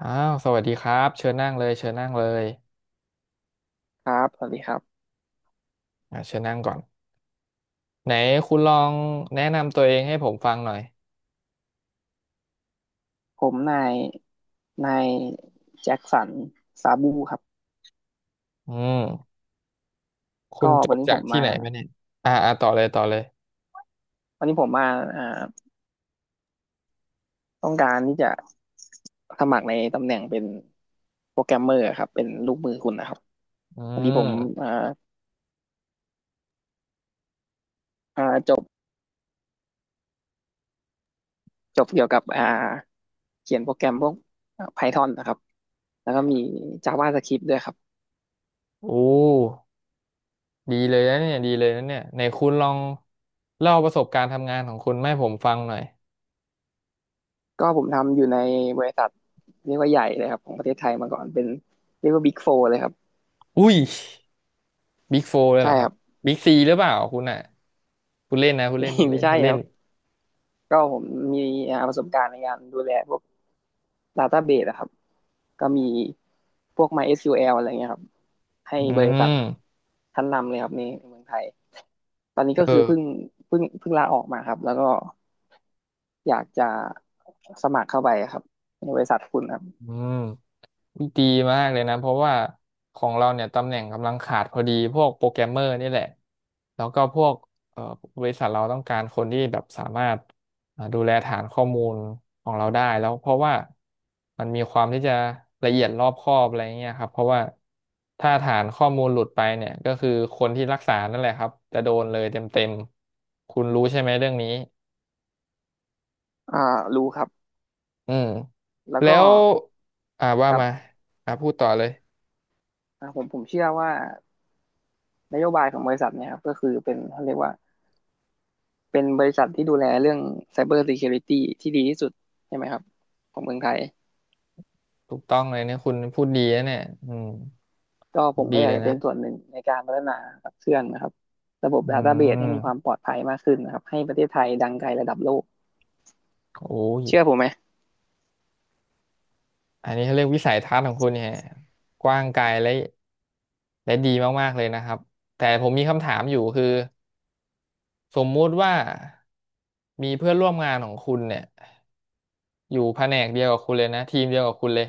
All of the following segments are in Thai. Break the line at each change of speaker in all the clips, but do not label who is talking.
อ้าวสวัสดีครับเชิญนั่งเลยเชิญนั่งเลย
ครับ สวัสดีครับ
เชิญนั่งก่อนไหนคุณลองแนะนำตัวเองให้ผมฟังหน่อย
ผมนายนายแจ็คสันซาบูครับ
อืมคุ
ก็
ณจ
วัน
บ
นี้
จา
ผ
ก
ม
ที่
มา
ไหนมาเนี่ยต่อเลยต่อเลย
วันนี้ผมมาอ่าต้องการที่จะสมัครในตำแหน่งเป็นโปรแกรมเมอร์ครับเป็นลูกมือคุณนะครับ
อื
พอดีผม
ม
อ่าอ่าจบจบเกี่ยวกับเขียนโปรแกรมพวก Python นะครับ แล้วก็มี JavaScript ด้วยครับ
อู้ดีเลยนะเนี่ยดีเลยนะเนี่ยไหนคุณลองเล่าประสบการณ์ทำงานของคุณมาให้ผมฟังหน่อย
ก็ผมทำอยู่ในบริษัทเรียกว่าใหญ่เลยครับของประเทศไทยมาก่อน เป็นเรียกว่า Big Four เลยครับ
อุ้ยบิ๊กโฟเลย
ใช่
เหรอค
ค
รั
รั
บ
บ
บิ๊กซีหรือเปล่าคุณอ่ะคุณเล่นนะคุณเล่นคุ ณ
ไม่
เล่น
ใช่
คุณ
ค
เล่
รั
น
บ ก็ผมมีประสบการณ์ในการดูแลพวก Database อะครับก็มีพวก MySQL อะไรเงี้ยครับให้
อื
บริษัท
ม
ชั้นนำเลยครับในเมืองไทยตอนนี้ก็
เอ
คือ
อ
เพิ่งลาออกมาครับแล้วก็อยากจะสมัครเข้าไปครับในบริษัทคุณครับ
อืมดีมากเลยนะเพราะว่าของเราเนี่ยตำแหน่งกำลังขาดพอดีพวกโปรแกรมเมอร์นี่แหละแล้วก็พวกเอ่อบริษัทเราต้องการคนที่แบบสามารถดูแลฐานข้อมูลของเราได้แล้วเพราะว่ามันมีความที่จะละเอียดรอบคอบอะไรเงี้ยครับเพราะว่าถ้าฐานข้อมูลหลุดไปเนี่ยก็คือคนที่รักษานั่นแหละครับจะโดนเลยเต็มๆตคุณรู้ใช่ไหมเรื่องนี้
อ่ารู้ครับ
อืม
แล้ว
แล้
ก็
ว
ค
ว่า
รั
มา
บ
พูดต่อเลย
ผมเชื่อว่านโยบายของบริษัทเนี่ยครับก็คือเป็นเขาเรียกว่า เป็นบริษัทที่ดูแลเรื่อง Cyber Security ที่ดีที่สุดใช่ไหมครับของเมืองไทย
ถูกต้องเลยเนี่ยคุณพูดดีนะเนี่ยอืม
ก็ผม
ดี
ก็อยา
เล
ก
ย
จะเป็
นะ
นส่วนหนึ่งในการพัฒนาขับเคลื่อนนะครับระบบ
อื
Database ให้มีความ
ม
ปลอดภัยมากขึ้นนะครับให้ประเทศไทยดังไกลระดับโลก
โอ้ย
เชื่อผมไหม
อันนี้เขาเรียกวิสัยทัศน์ของคุณเนี่ยกว้างไกลและและดีมากๆเลยนะครับ แต่ผมมีคำถามอยู่คือสมมุติว่ามีเพื่อนร่วมงานของคุณเนี่ยอยู่แผนกเดียวกับคุณเลยนะทีมเดียวกับคุณเลย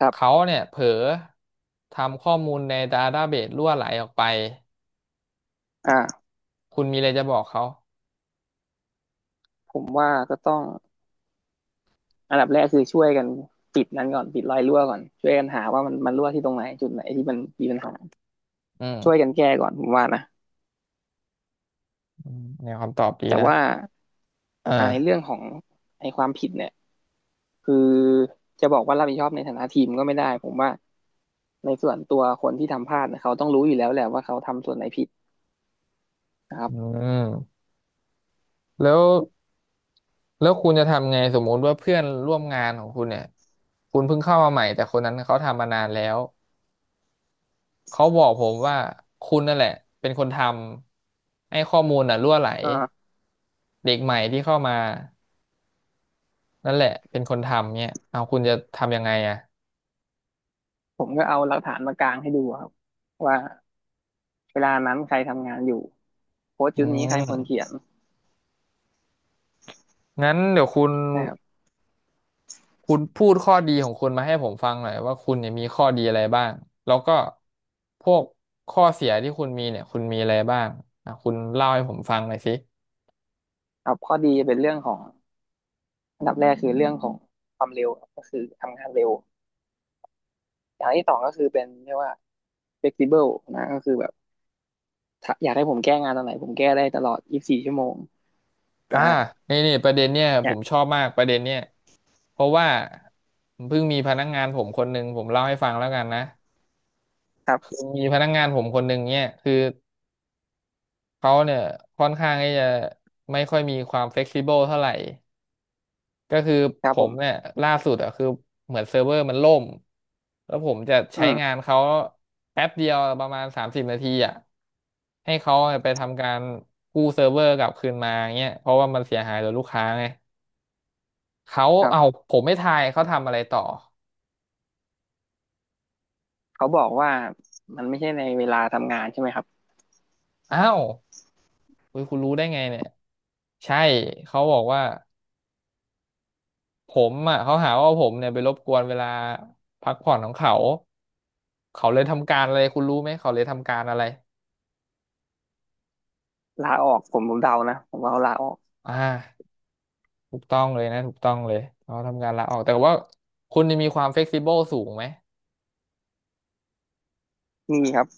ครับ
เขาเนี่ยเผลอทำข้อมูลในดาต้าเบสรั่วไหลออกไป
อ่า
คุณมีอะไรจะบอกเขา
ผมว่าก็ต้องอันดับแรกคือช่วยกันปิดนั้นก่อนปิดรอยรั่วก่อนช่วยกันหาว่ามันรั่วที่ตรงไหนจุดไหนที่มันมีปัญหา
อื
ช่วยกั
ม
นแก้ก่อนผมว่านะ
อืมแนวคำตอบดี
แต่
นะ
ว่า
เออ
ในเรื่องของไอความผิดเนี่ยคือจะบอกว่ารับผิดชอบในฐานะทีมก็ไม่ได้ผมว่า ในส่วนตัวคนที่ทำพลาดเนี่ยเขาต้องรู้อยู่แล้วแหละว่าเขาทำส่วนไหนผิดนะครั
อื
บ
มแล้ว แล้วคุณจะทำไงสมมติว่าเพื่อนร่วมงานของคุณเนี่ยคุณเพิ่งเข้ามาใหม่แต่คนนั้นเขาทำมานานแล้วเขาบอกผมว่าคุณนั่นแหละเป็นคนทำให้ข้อมูลน่ะรั่วไหล
อ่า
เด็กใหม่ที่เข้ามานั่นแหละเป็นคนทำเนี่ยเอาคุณจะทำยังไงอ่ะ
ผมก็เอาหลักฐานมากางให้ดูครับว่าเวลานั้นใครทำงานอยู่โค้ด
อื
ชุดนี้ใครคน
ม
เขียน
งั้นเดี๋ยวคุณ
นะครับ
คุณพูดข้อดีของคุณมาให้ผมฟังหน่อยว่าคุณเนี่ยมีข้อดีอะไรบ้างแล้วก็พวกข้อเสียที่คุณมีเนี่ยคุณมีอะไรบ้างอ่ะคุณเล่าให้ผมฟังหน่อยสิ
ครับข้อดีเป็นเรื่องของอันดับแรกคือเรื่องของความเร็วก็คือทำงานเร็วอย่างที่สองก็คือเป็นเรียกว่า flexible นะก็คือแบบอยากให้ผมแก้งานตอนไหนผมแก้ได้ตลอด24ชั่วโมง
อ่า
นะ
นี่นี่ประเด็นเนี่ย
เนี่
ผ
ย
มชอบมากประเด็นเนี่ยเพราะว่าเพิ่งมีพนักงานผมคนหนึ่งผมเล่าให้ฟังแล้วกันนะ
ครับ
คือมีพนักงานผมคนหนึ่งเนี่ยคือเขาเนี่ยค่อนข้างที่จะไม่ค่อยมีความเฟ e ซิเบิลเท่าไหร่ก็คือ
ครั
ผ
บผ
มเนี่
ม
ยล่าสุดอ่ะคือเหมือนเซิร์ฟเวอร์มันล่มแล้วผมจะ
อื
ใช้
ม
งานเขาแป๊บเดียวประมาณ30 นาทีอ่ะให้เขาไปทำการกู้เซิร์ฟเวอร์กลับคืนมาเงี้ยเพราะว่ามันเสียหายต่อลูกค้าไง เขา
ครั
เอา
บ
ผมไม่ทายเขาทำอะไรต่อ
เขาบอกว่ามันไม่ใช่ในเวลาทำงานใช่ไหมครับ
อ้าวเฮ้ยคุณรู้ได้ไงเนี่ยใช่เขาบอกว่าผมอ่ะเขาหาว่าผมเนี่ยไปรบกวนเวลาพักผ่อนของเขาเขาเลยทำการอะไรคุณรู้ไหมเขาเลยทำการอะไร
ลาออกผมเดานะผมว่าเขาลาออก
อ่าถูกต้องเลยนะถูกต้องเลยเขาทำการลาออกแต่ว่าคุณนี่มีความเฟ e ซิเบิลสูงไหม
มีครับ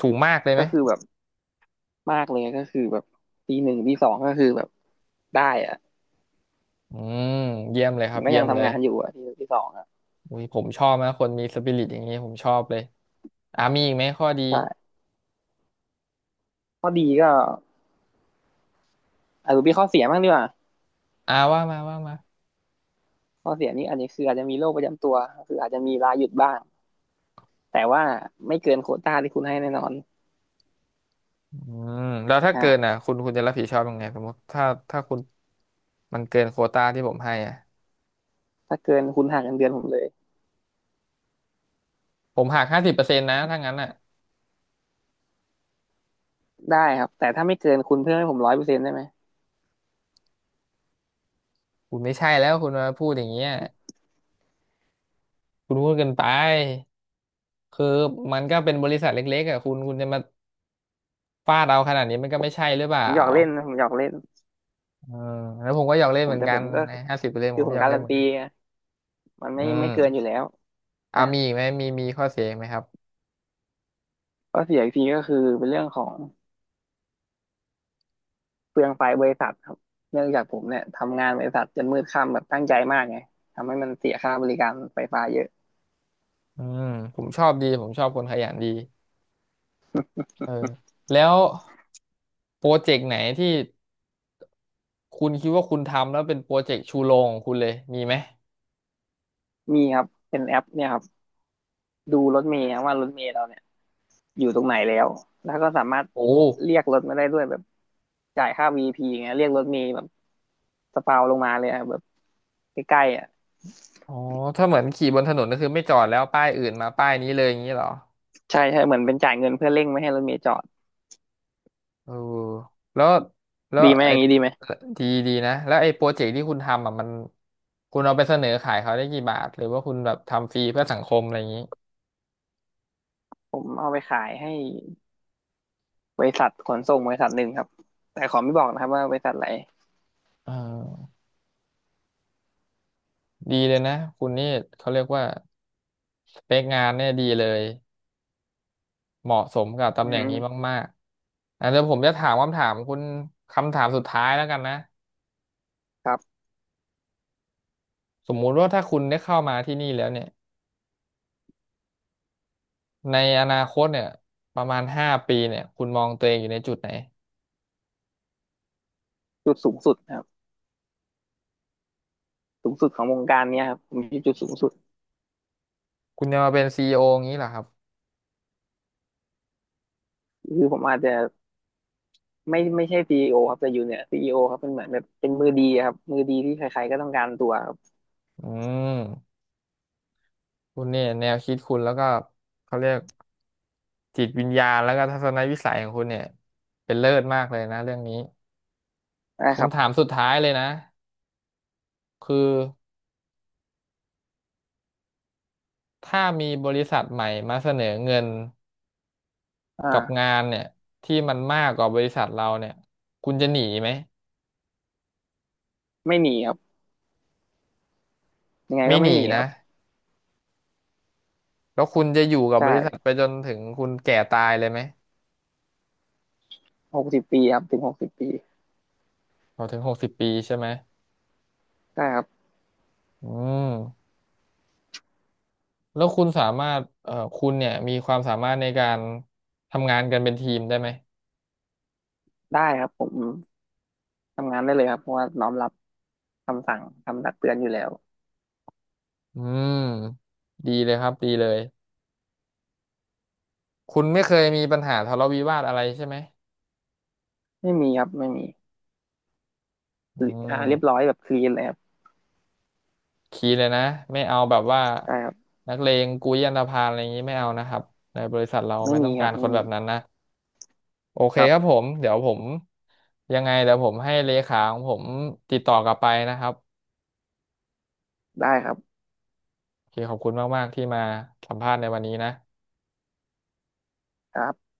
สูงมากเลยไหม
ก็คือแบบมากเลยก็คือแบบปีหนึ่งปีสองก็คือแบบได้อะ
อืมเยี่ยมเลย
ผ
ค
ม
รับ
ก็
เยี่
ยั
ย
ง
มเล
ทำ
ย
งานอยู่อะปีหนึ่งปีสองอะ
อุ้ยผมชอบนะคนมีสปิริตอย่างนี้ผมชอบเลยอ่ามีอีกไหมข้อดี
ใช่ข้อดีก็อาจจะมีข้อเสียบ้างดีกว่า
ว่ามาว่ามา
ข้อเสียนี่อาจจะคืออาจจะมีโรคประจำตัวก็คืออาจจะมีลาหยุดบ้างแต่ว่าไม่เกินโควต้าที่คุณให้แน่นอน
อืมแล้วถ้า
นะ
เกิน
ฮะ
อ่ะคุณจะรับผิดชอบยังไงสมมติถ้าคุณมันเกินโควตาที่ผมให้อ่ะ
ถ้าเกินคุณหักเงินเดือนผมเลย
ผมหักห้าสิบเปอร์เซ็นต์นะถ้างั้นอ่ะ
ได้ครับแต่ถ้าไม่เกินคุณเพิ่มให้ผมร้อยเปอร์เซ็นต์ได้ไหม
คุณไม่ใช่แล้วคุณมาพูดอย่างเงี้ยคุณพูดเกินไปคือมันก็เป็นบริษัทเล็กๆอ่ะคุณจะมาฟาดเราขนาดนี้มันก็ไม่ใช่หรือเป
ผ
ล่า
มหยอกเล่นนะผมหยอกเล่น
เออแล้วผมก็อยากเล่
ผ
นเห
ม
มือน
แต่
กั
ผ
น
มก็
ห้าสิบเปอร์เซ็นต์ผ
คือ
ม
ผ
ก็
ม
อยาก
กา
เล่
รั
น
น
เหมือ
ตี
นกัน
ไงมัน
อื
ไม่เกินอยู่
ม
แล้ว
อ่า
นะ
มีอีกไหมมีข้อเสียอีกไหมครับ
ข้อเสียอีกทีก็คือเป็นเรื่องของเปลืองไฟบริษัทครับเนื่องจากผมเนี่ยทำงานบริษัทจนมืดค่ำแบบตั้งใจมากไงทำให้มันเสียค่าบริการไฟฟ้าเยอะ
อืมผมชอบดีผมชอบคนขยันดีเออแล้วโปรเจกต์ไหนที่ คุณคิดว่าคุณทำแล้วเป็นโปรเจกต์ชูโรงของคุณเลยมีไหม
มีครับเป็นแอปเนี่ยครับดูรถเมล์ครับว่ารถเมล์เราเนี่ยอยู่ตรงไหนแล้วแล้วก็สามารถ
โอ้
เรียกรถมาได้ด้วยแบบจ่ายค่า VP อพีอย่างเงี้ยเรียกรถเมล์แบบสปาวลงมาเลยอะแบบใกล้ๆอ่ะ
อ๋อถ้าเหมือนขี่บนถนนก็คือไม่จอดแล้วป้ายอื่นมาป้ายนี้เลยอย่างนี้เหรอ
ใช่ใช่เหมือนเป็นจ่ายเงินเพื่อเร่งไม่ให้รถเมล์จอด
เออแล้วแล้ว
ดีไหมอ
ไอ้
ย่างนี้ดีไหม
ดีดีนะแล้วไอ้โปรเจกต์ที่คุณทำอ่ะมันคุณเอาไปเสนอขายเขาได้กี่บาทหรือว่าคุณแบบทำฟรีเพื่อสังคมอะไรอย่างนี้
ผมเอาไปขายให้บริษัทขนส่งบริษัทหนึ่งครับแต่ขอไม่บอกนะครับว่าบริษัทอะไหน
เออดีเลยนะคุณนี่เขาเรียกว่าสเปคงานเนี่ยดีเลยเหมาะสมกับ
อื
ตำแหน่งนี้
ม
มากๆอ่ะเดี๋ยวผมจะถามคำถามคุณคำถามสุดท้ายแล้วกันนะ
ครับ
สมมุติว่าถ้าคุณได้เข้ามาที่นี่แล้วเนี่ยในอนาคตเนี่ยประมาณ5 ปีเนี่ยคุณมองตัวเองอยู่ในจุดไหน
จุดสูงสุดครับสูงสุดของวงการเนี้ยครับผมทีจุดสูงสุด
คุณจะมาเป็นซีอีโออย่างนี้เหรอครับ
คือผมอาจจะไม่ใช่ซีอีโอครับแต่อยู่เนี่ยซีอีโอครับเป็นเหมือนแบบเป็นมือดีอะครับมือดีที่ใครๆก็ต้องการตัวครับ
อืมคุณเนี่ยแนวคิดคุณแล้วก็เขาเรียกจิตวิญญาณแล้วก็ทัศนวิสัยของคุณเนี่ยเป็นเลิศมากเลยนะเรื่องนี้
นะครับ
คำถามสุดท้ายเลยนะคือถ้ามีบริษัทใหม่มาเสนอเงินกับ
อ่า
งานเนี่ยที่มันมากกว่าบริษัทเราเนี่ยคุณจะหนีไหม
ไม่หนีครับยังไง
ไม่
ก็
ห
ไม่
นี
หนีค
นะ
รับ
แล้วคุณจะอยู่กับ
ใช่
บริษัทไปจนถึงคุณแก่ตายเลยไหม
หกสิบปีครับถึงหกสิบปี
พอถึง60 ปีใช่ไหม
ใช่ครับ
อืมแล้วคุณสามารถคุณเนี่ยมีความสามารถในการทำงานกันเป็นทีมได้ไหม
ได้ครับผมทำงานได้เลยครับเพราะว่าน้อมรับคำสั่งคำตักเตือนอยู่แล้ว
อืมดีเลยครับ ดีเลยคุณไม่เคยมีปัญหาทะเลาะวิวาทอะไรใช่ไหม
ไม่มีครับไม่มี
อื
อ่าเรียบร้อ
ม
ยแบบคลีนเลยครับ
คีย์เลยนะไม่เอาแบบว่า
ใช่ครับ
นักเลงกุยอันธพาลอะไรอย่างนี้ไม่เอานะครับ ในบริษัทเรา
ไม่
ไม่ต้
มี
อง
ค
กา
รับ
รค
ไม่
นแบ
มี
บนั้นนะ โอเค
ครั
ครับผ
บ
มเดี๋ยวผมยังไงเดี๋ยวผมให้เลขาของผมติดต่อกลับไปนะครับ
ได้ครับ
โอเคขอบคุณมากๆที่มาสัมภาษณ์ในวันนี้นะ
ครับ